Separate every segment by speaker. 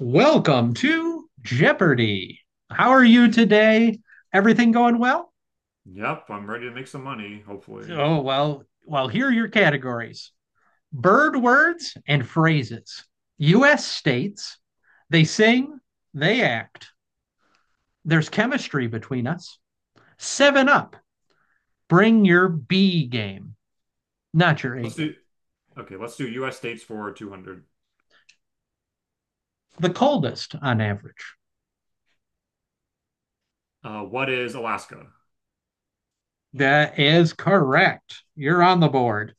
Speaker 1: Welcome to Jeopardy. How are you today? Everything going well?
Speaker 2: Yep, I'm ready to make some money, hopefully.
Speaker 1: Oh, well, here are your categories bird words and phrases, U.S. states. They sing, they act. There's chemistry between us. Seven up, bring your B game, not your A
Speaker 2: Let's
Speaker 1: game.
Speaker 2: do, okay, let's do US states for 200.
Speaker 1: The coldest on average.
Speaker 2: What is Alaska?
Speaker 1: That is correct. You're on the board.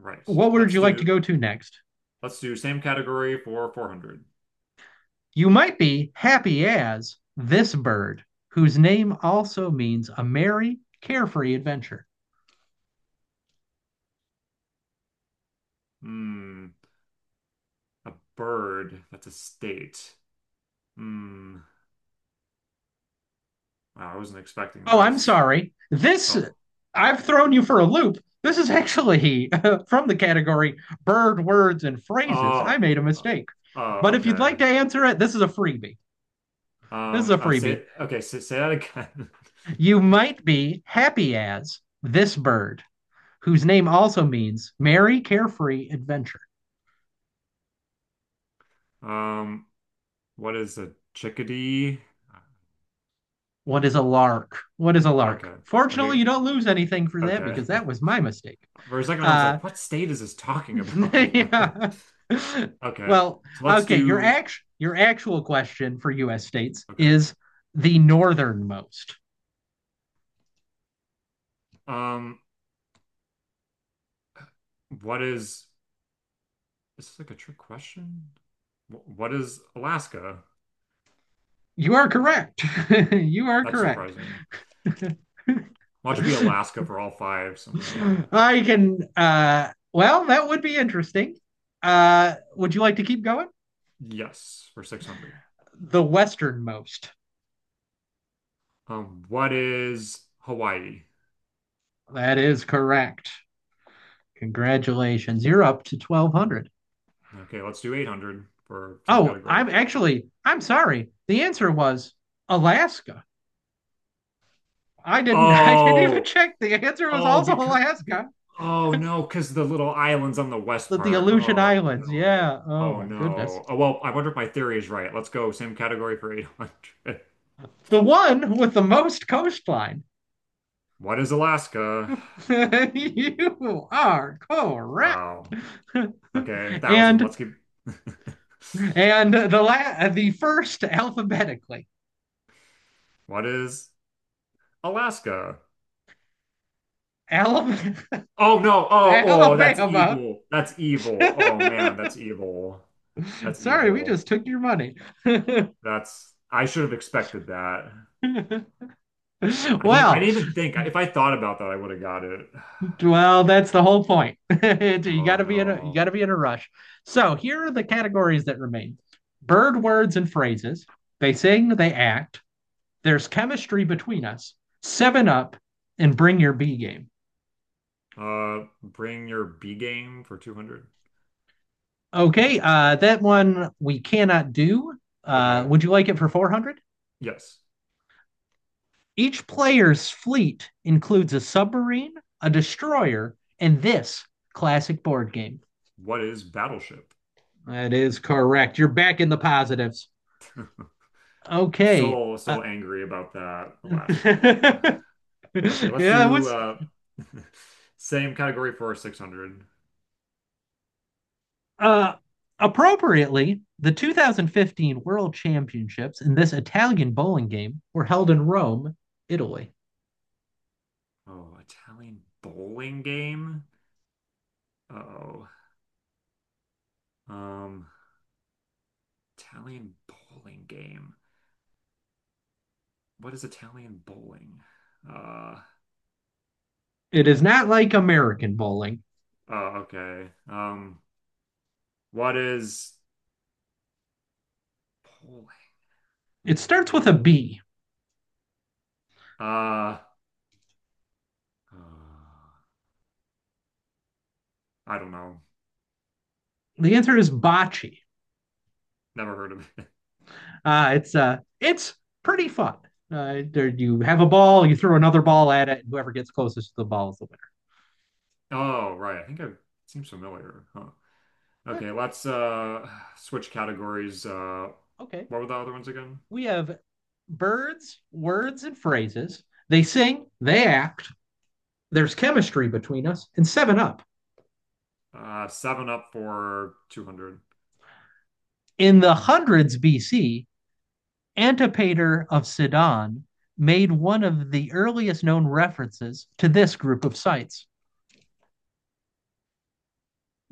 Speaker 2: Right.
Speaker 1: What would
Speaker 2: Let's
Speaker 1: you like to
Speaker 2: do,
Speaker 1: go to next?
Speaker 2: let's do same category for 400.
Speaker 1: You might be happy as this bird, whose name also means a merry, carefree adventure.
Speaker 2: Hmm, a bird. That's a state. Hmm. Wow, I wasn't expecting
Speaker 1: Oh, I'm
Speaker 2: this.
Speaker 1: sorry.
Speaker 2: Oh,
Speaker 1: I've thrown you for a loop. This is actually from the category bird words and phrases. I
Speaker 2: oh,
Speaker 1: made a
Speaker 2: uh,
Speaker 1: mistake.
Speaker 2: oh,
Speaker 1: But if you'd
Speaker 2: okay.
Speaker 1: like to answer it, this is a freebie. This is
Speaker 2: Um,
Speaker 1: a
Speaker 2: uh,
Speaker 1: freebie.
Speaker 2: say, okay, say, say that again.
Speaker 1: You might be happy as this bird, whose name also means merry, carefree adventure.
Speaker 2: Um, what is a chickadee?
Speaker 1: What is a lark? What is a lark?
Speaker 2: Okay,
Speaker 1: Fortunately,
Speaker 2: okay,
Speaker 1: you don't lose anything for that
Speaker 2: okay.
Speaker 1: because that was my mistake.
Speaker 2: For a second, I was
Speaker 1: Uh,
Speaker 2: like, what state is this talking about?
Speaker 1: yeah.
Speaker 2: Okay,
Speaker 1: Well,
Speaker 2: so let's
Speaker 1: okay, your
Speaker 2: do.
Speaker 1: actual question for US states
Speaker 2: Okay.
Speaker 1: is the northernmost.
Speaker 2: Um, what is This is like a trick question? What is Alaska?
Speaker 1: You are correct. You are
Speaker 2: That's
Speaker 1: correct.
Speaker 2: surprising. Watch it be Alaska for all five somehow.
Speaker 1: I can well, that would be interesting. Would you like to keep going?
Speaker 2: Yes, for 600.
Speaker 1: The westernmost.
Speaker 2: What is Hawaii?
Speaker 1: That is correct. Congratulations. You're up to 1,200.
Speaker 2: Okay, let's do 800 for same
Speaker 1: Oh,
Speaker 2: category.
Speaker 1: I'm actually, I'm sorry. The answer was Alaska. I didn't, I didn't even
Speaker 2: Oh,
Speaker 1: check. The answer was
Speaker 2: oh,
Speaker 1: also
Speaker 2: be,
Speaker 1: Alaska.
Speaker 2: oh no, because the little island's on the west
Speaker 1: The
Speaker 2: part.
Speaker 1: Aleutian
Speaker 2: Oh
Speaker 1: Islands.
Speaker 2: no.
Speaker 1: Yeah. Oh
Speaker 2: Oh
Speaker 1: my goodness.
Speaker 2: no. Oh well, I wonder if my theory is right. Let's go. Same category for 800.
Speaker 1: The one with the most coastline.
Speaker 2: What is Alaska?
Speaker 1: You are correct.
Speaker 2: Wow. Okay, 1000.
Speaker 1: and
Speaker 2: Let's keep
Speaker 1: and the first alphabetically.
Speaker 2: What is Alaska?
Speaker 1: Alabama.
Speaker 2: Oh no. Oh, oh, that's
Speaker 1: Alabama.
Speaker 2: evil. That's evil. Oh man, that's evil. That's
Speaker 1: Sorry, we
Speaker 2: evil.
Speaker 1: just took your money.
Speaker 2: That's I should have expected that. I didn't I
Speaker 1: well,
Speaker 2: didn't even think. If I thought about that, I would have got it.
Speaker 1: well, that's the whole point.
Speaker 2: Oh
Speaker 1: You got
Speaker 2: no.
Speaker 1: to be in a rush. So here are the categories that remain: bird words and phrases. They sing, they act. There's chemistry between us. Seven up and bring your B game.
Speaker 2: Bring your B game for 200.
Speaker 1: Okay, that one we cannot do.
Speaker 2: Okay.
Speaker 1: Would you like it for 400?
Speaker 2: Yes.
Speaker 1: Each player's fleet includes a submarine, a destroyer, and this classic board game.
Speaker 2: What is Battleship?
Speaker 1: That is correct. You're back in the positives. Okay.
Speaker 2: So,
Speaker 1: Uh,
Speaker 2: so angry about that Alaska one. Okay, let's
Speaker 1: yeah,
Speaker 2: do
Speaker 1: what's
Speaker 2: same category for 600.
Speaker 1: uh appropriately, the 2015 World Championships in this Italian bowling game were held in Rome, Italy.
Speaker 2: Oh, Italian bowling game? Uh-oh. Um, Italian bowling game. What is Italian bowling? Uh,
Speaker 1: It is not like American bowling.
Speaker 2: oh, okay. What is bowling?
Speaker 1: It starts with a B.
Speaker 2: Uh, Uh, I don't know.
Speaker 1: The answer is bocce.
Speaker 2: Never heard of it.
Speaker 1: It's pretty fun. There, you have a ball, you throw another ball at it, and whoever gets closest to the ball is the
Speaker 2: Oh, right. I think it seems familiar. Huh.
Speaker 1: winner.
Speaker 2: Okay, let's switch categories.
Speaker 1: Yeah, okay.
Speaker 2: What were the other ones again?
Speaker 1: We have birds, words, and phrases. They sing, they act. There's chemistry between us, and seven up.
Speaker 2: Seven Up for 200.
Speaker 1: In the hundreds BC, Antipater of Sidon made one of the earliest known references to this group of sites.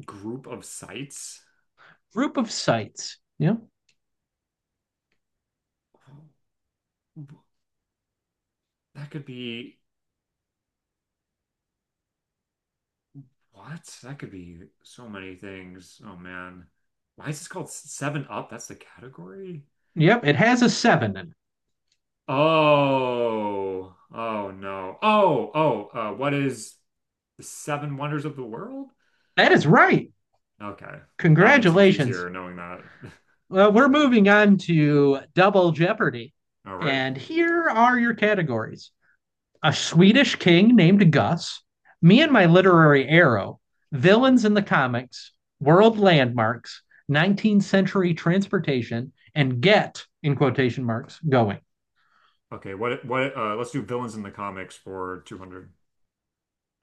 Speaker 2: Group of sites?
Speaker 1: Group of sites. Yep.
Speaker 2: That could be what? That could be so many things. Oh man. Why is this called Seven Up? That's the category?
Speaker 1: Yep. It has a seven in it.
Speaker 2: Oh, oh no. Oh, oh, what is the Seven Wonders of the World?
Speaker 1: That is right.
Speaker 2: Okay. That makes things
Speaker 1: Congratulations.
Speaker 2: easier knowing that.
Speaker 1: Well, we're moving on to Double Jeopardy.
Speaker 2: All right.
Speaker 1: And here are your categories a Swedish king named Gus, me and my literary arrow, villains in the comics, world landmarks, 19th century transportation, and get, in quotation marks, going.
Speaker 2: Okay, what let's do villains in the comics for 200.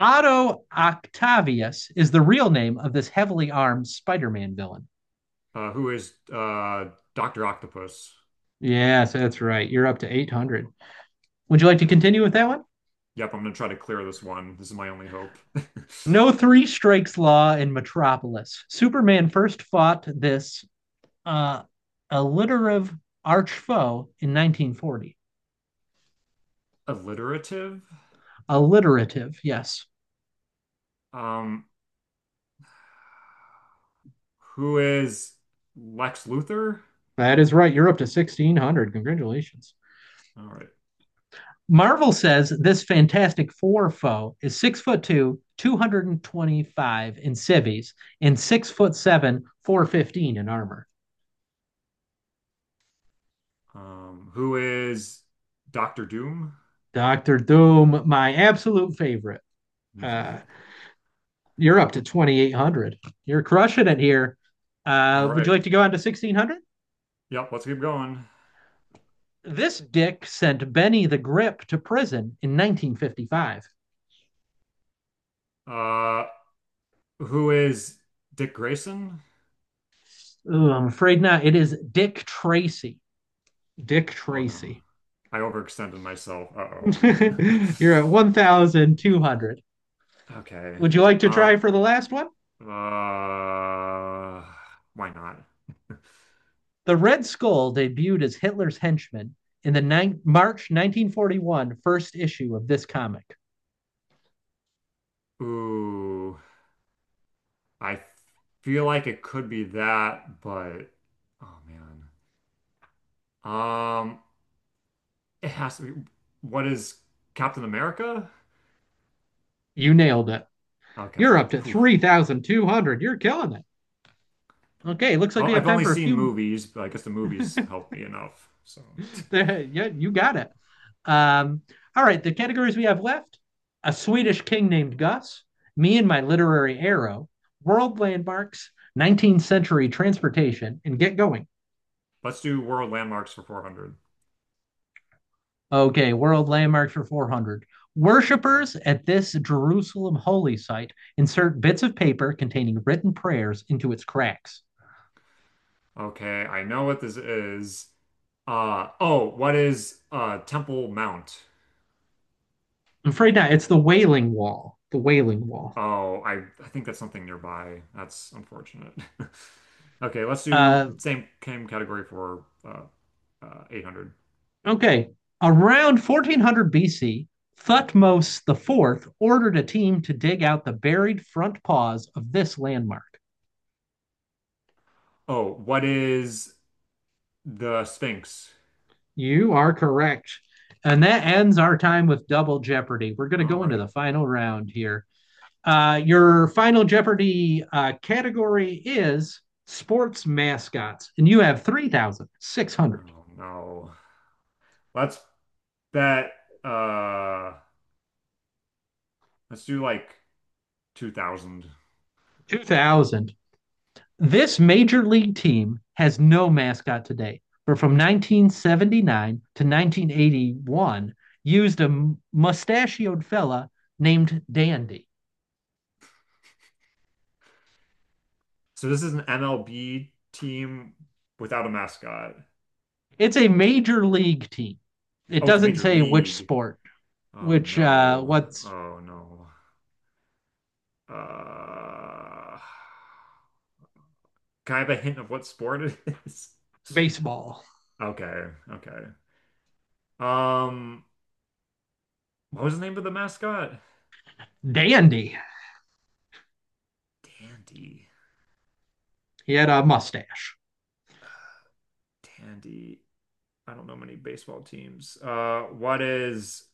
Speaker 1: Otto Octavius is the real name of this heavily armed Spider Man villain.
Speaker 2: Who is Dr. Octopus?
Speaker 1: Yes, that's right. You're up to 800. Would you like to continue with that one?
Speaker 2: Yep, I'm gonna try to clear this one. This is my only hope.
Speaker 1: No three strikes law in Metropolis. Superman first fought this uh, alliterative arch foe in 1940.
Speaker 2: Alliterative?
Speaker 1: Alliterative, yes.
Speaker 2: Um who is Lex Luthor?
Speaker 1: That is right. You're up to 1600. Congratulations.
Speaker 2: All right.
Speaker 1: Marvel says this Fantastic Four foe is 6 foot two, 225 in civvies, and 6 foot seven, 415 in armor.
Speaker 2: Who is Doctor Doom?
Speaker 1: Doctor Doom, my absolute favorite. Uh, you're up to 2800. You're crushing it here.
Speaker 2: All
Speaker 1: Would you
Speaker 2: right.
Speaker 1: like to go on to 1600?
Speaker 2: Yep, let's keep going.
Speaker 1: This dick sent Benny the Grip to prison in 1955.
Speaker 2: Uh who is Dick Grayson?
Speaker 1: Ooh, I'm afraid not. It is Dick Tracy. Dick
Speaker 2: Oh no.
Speaker 1: Tracy.
Speaker 2: I overextended myself. Uh-oh.
Speaker 1: You're at 1,200.
Speaker 2: Okay.
Speaker 1: Would you like to
Speaker 2: Uh,
Speaker 1: try for the last one?
Speaker 2: uh, why not?
Speaker 1: The Red Skull debuted as Hitler's henchman in the nine March 1941 first issue of this comic.
Speaker 2: Ooh, I feel like it could be that, but oh man. Um, it has to be. What is Captain America?
Speaker 1: You nailed it.
Speaker 2: Okay.
Speaker 1: You're up to
Speaker 2: Whew.
Speaker 1: 3,200. You're killing it. Okay, looks like
Speaker 2: Oh,
Speaker 1: we have
Speaker 2: I've
Speaker 1: time
Speaker 2: only
Speaker 1: for a
Speaker 2: seen
Speaker 1: few.
Speaker 2: movies, but I guess the movies helped me enough. So,
Speaker 1: Yeah, you got it. Um, all right, the categories we have left a Swedish king named Gus, me and my literary arrow, world landmarks, 19th century transportation, and get going.
Speaker 2: let's do world landmarks for 400.
Speaker 1: Okay, world landmarks for 400. Worshippers at this Jerusalem holy site insert bits of paper containing written prayers into its cracks.
Speaker 2: Okay, I know what this is. Uh oh, what is Temple Mount?
Speaker 1: I'm afraid not. It's the Wailing Wall. The Wailing Wall.
Speaker 2: Oh, I think that's something nearby. That's unfortunate. Okay, let's do
Speaker 1: Uh,
Speaker 2: same category for 800.
Speaker 1: Okay. Around 1400 BC, Thutmose the Fourth ordered a team to dig out the buried front paws of this landmark.
Speaker 2: Oh, what is the Sphinx?
Speaker 1: You are correct. And that ends our time with Double Jeopardy. We're going to
Speaker 2: All
Speaker 1: go into
Speaker 2: right.
Speaker 1: the final round here. Your Final Jeopardy category is sports mascots, and you have three thousand six hundred
Speaker 2: Oh no. Let's bet uh let's do like 2000.
Speaker 1: two thousand. This major league team has no mascot today, but from 1979 to 1981 used a mustachioed fella named Dandy.
Speaker 2: So this is an MLB team without a mascot.
Speaker 1: It's a major league team. It
Speaker 2: Oh, it's a
Speaker 1: doesn't
Speaker 2: major
Speaker 1: say which
Speaker 2: league.
Speaker 1: sport,
Speaker 2: Oh
Speaker 1: which
Speaker 2: no.
Speaker 1: what's
Speaker 2: Oh no. Uh, can I have a hint of what sport it is?
Speaker 1: baseball.
Speaker 2: Okay, okay. Um, what was the name of the mascot?
Speaker 1: Dandy.
Speaker 2: Dandy.
Speaker 1: He had a mustache.
Speaker 2: Uh, Dandy. I don't know many baseball teams. What is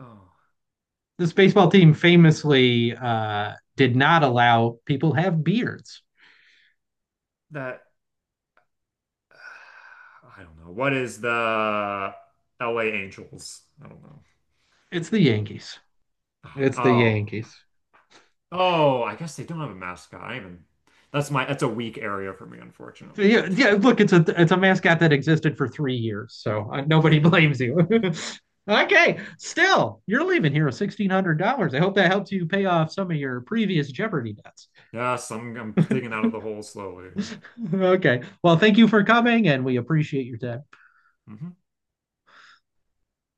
Speaker 2: Oh,
Speaker 1: This baseball team famously did not allow people have beards.
Speaker 2: that? I don't know. What is the LA Angels? I don't know.
Speaker 1: It's the Yankees.
Speaker 2: Ah,
Speaker 1: It's the
Speaker 2: oh,
Speaker 1: Yankees.
Speaker 2: oh, I guess they don't have a mascot. I even that's my That's a weak area for me, unfortunately.
Speaker 1: Yeah, yeah, look, it's a mascot that existed for 3 years, so nobody blames you. Okay, still, you're leaving here with $1,600. I hope that helps you pay off some of your previous Jeopardy debts.
Speaker 2: Yes, I'm digging out of the hole slowly.
Speaker 1: Okay, well, thank you for coming, and we appreciate your time.
Speaker 2: Mhm.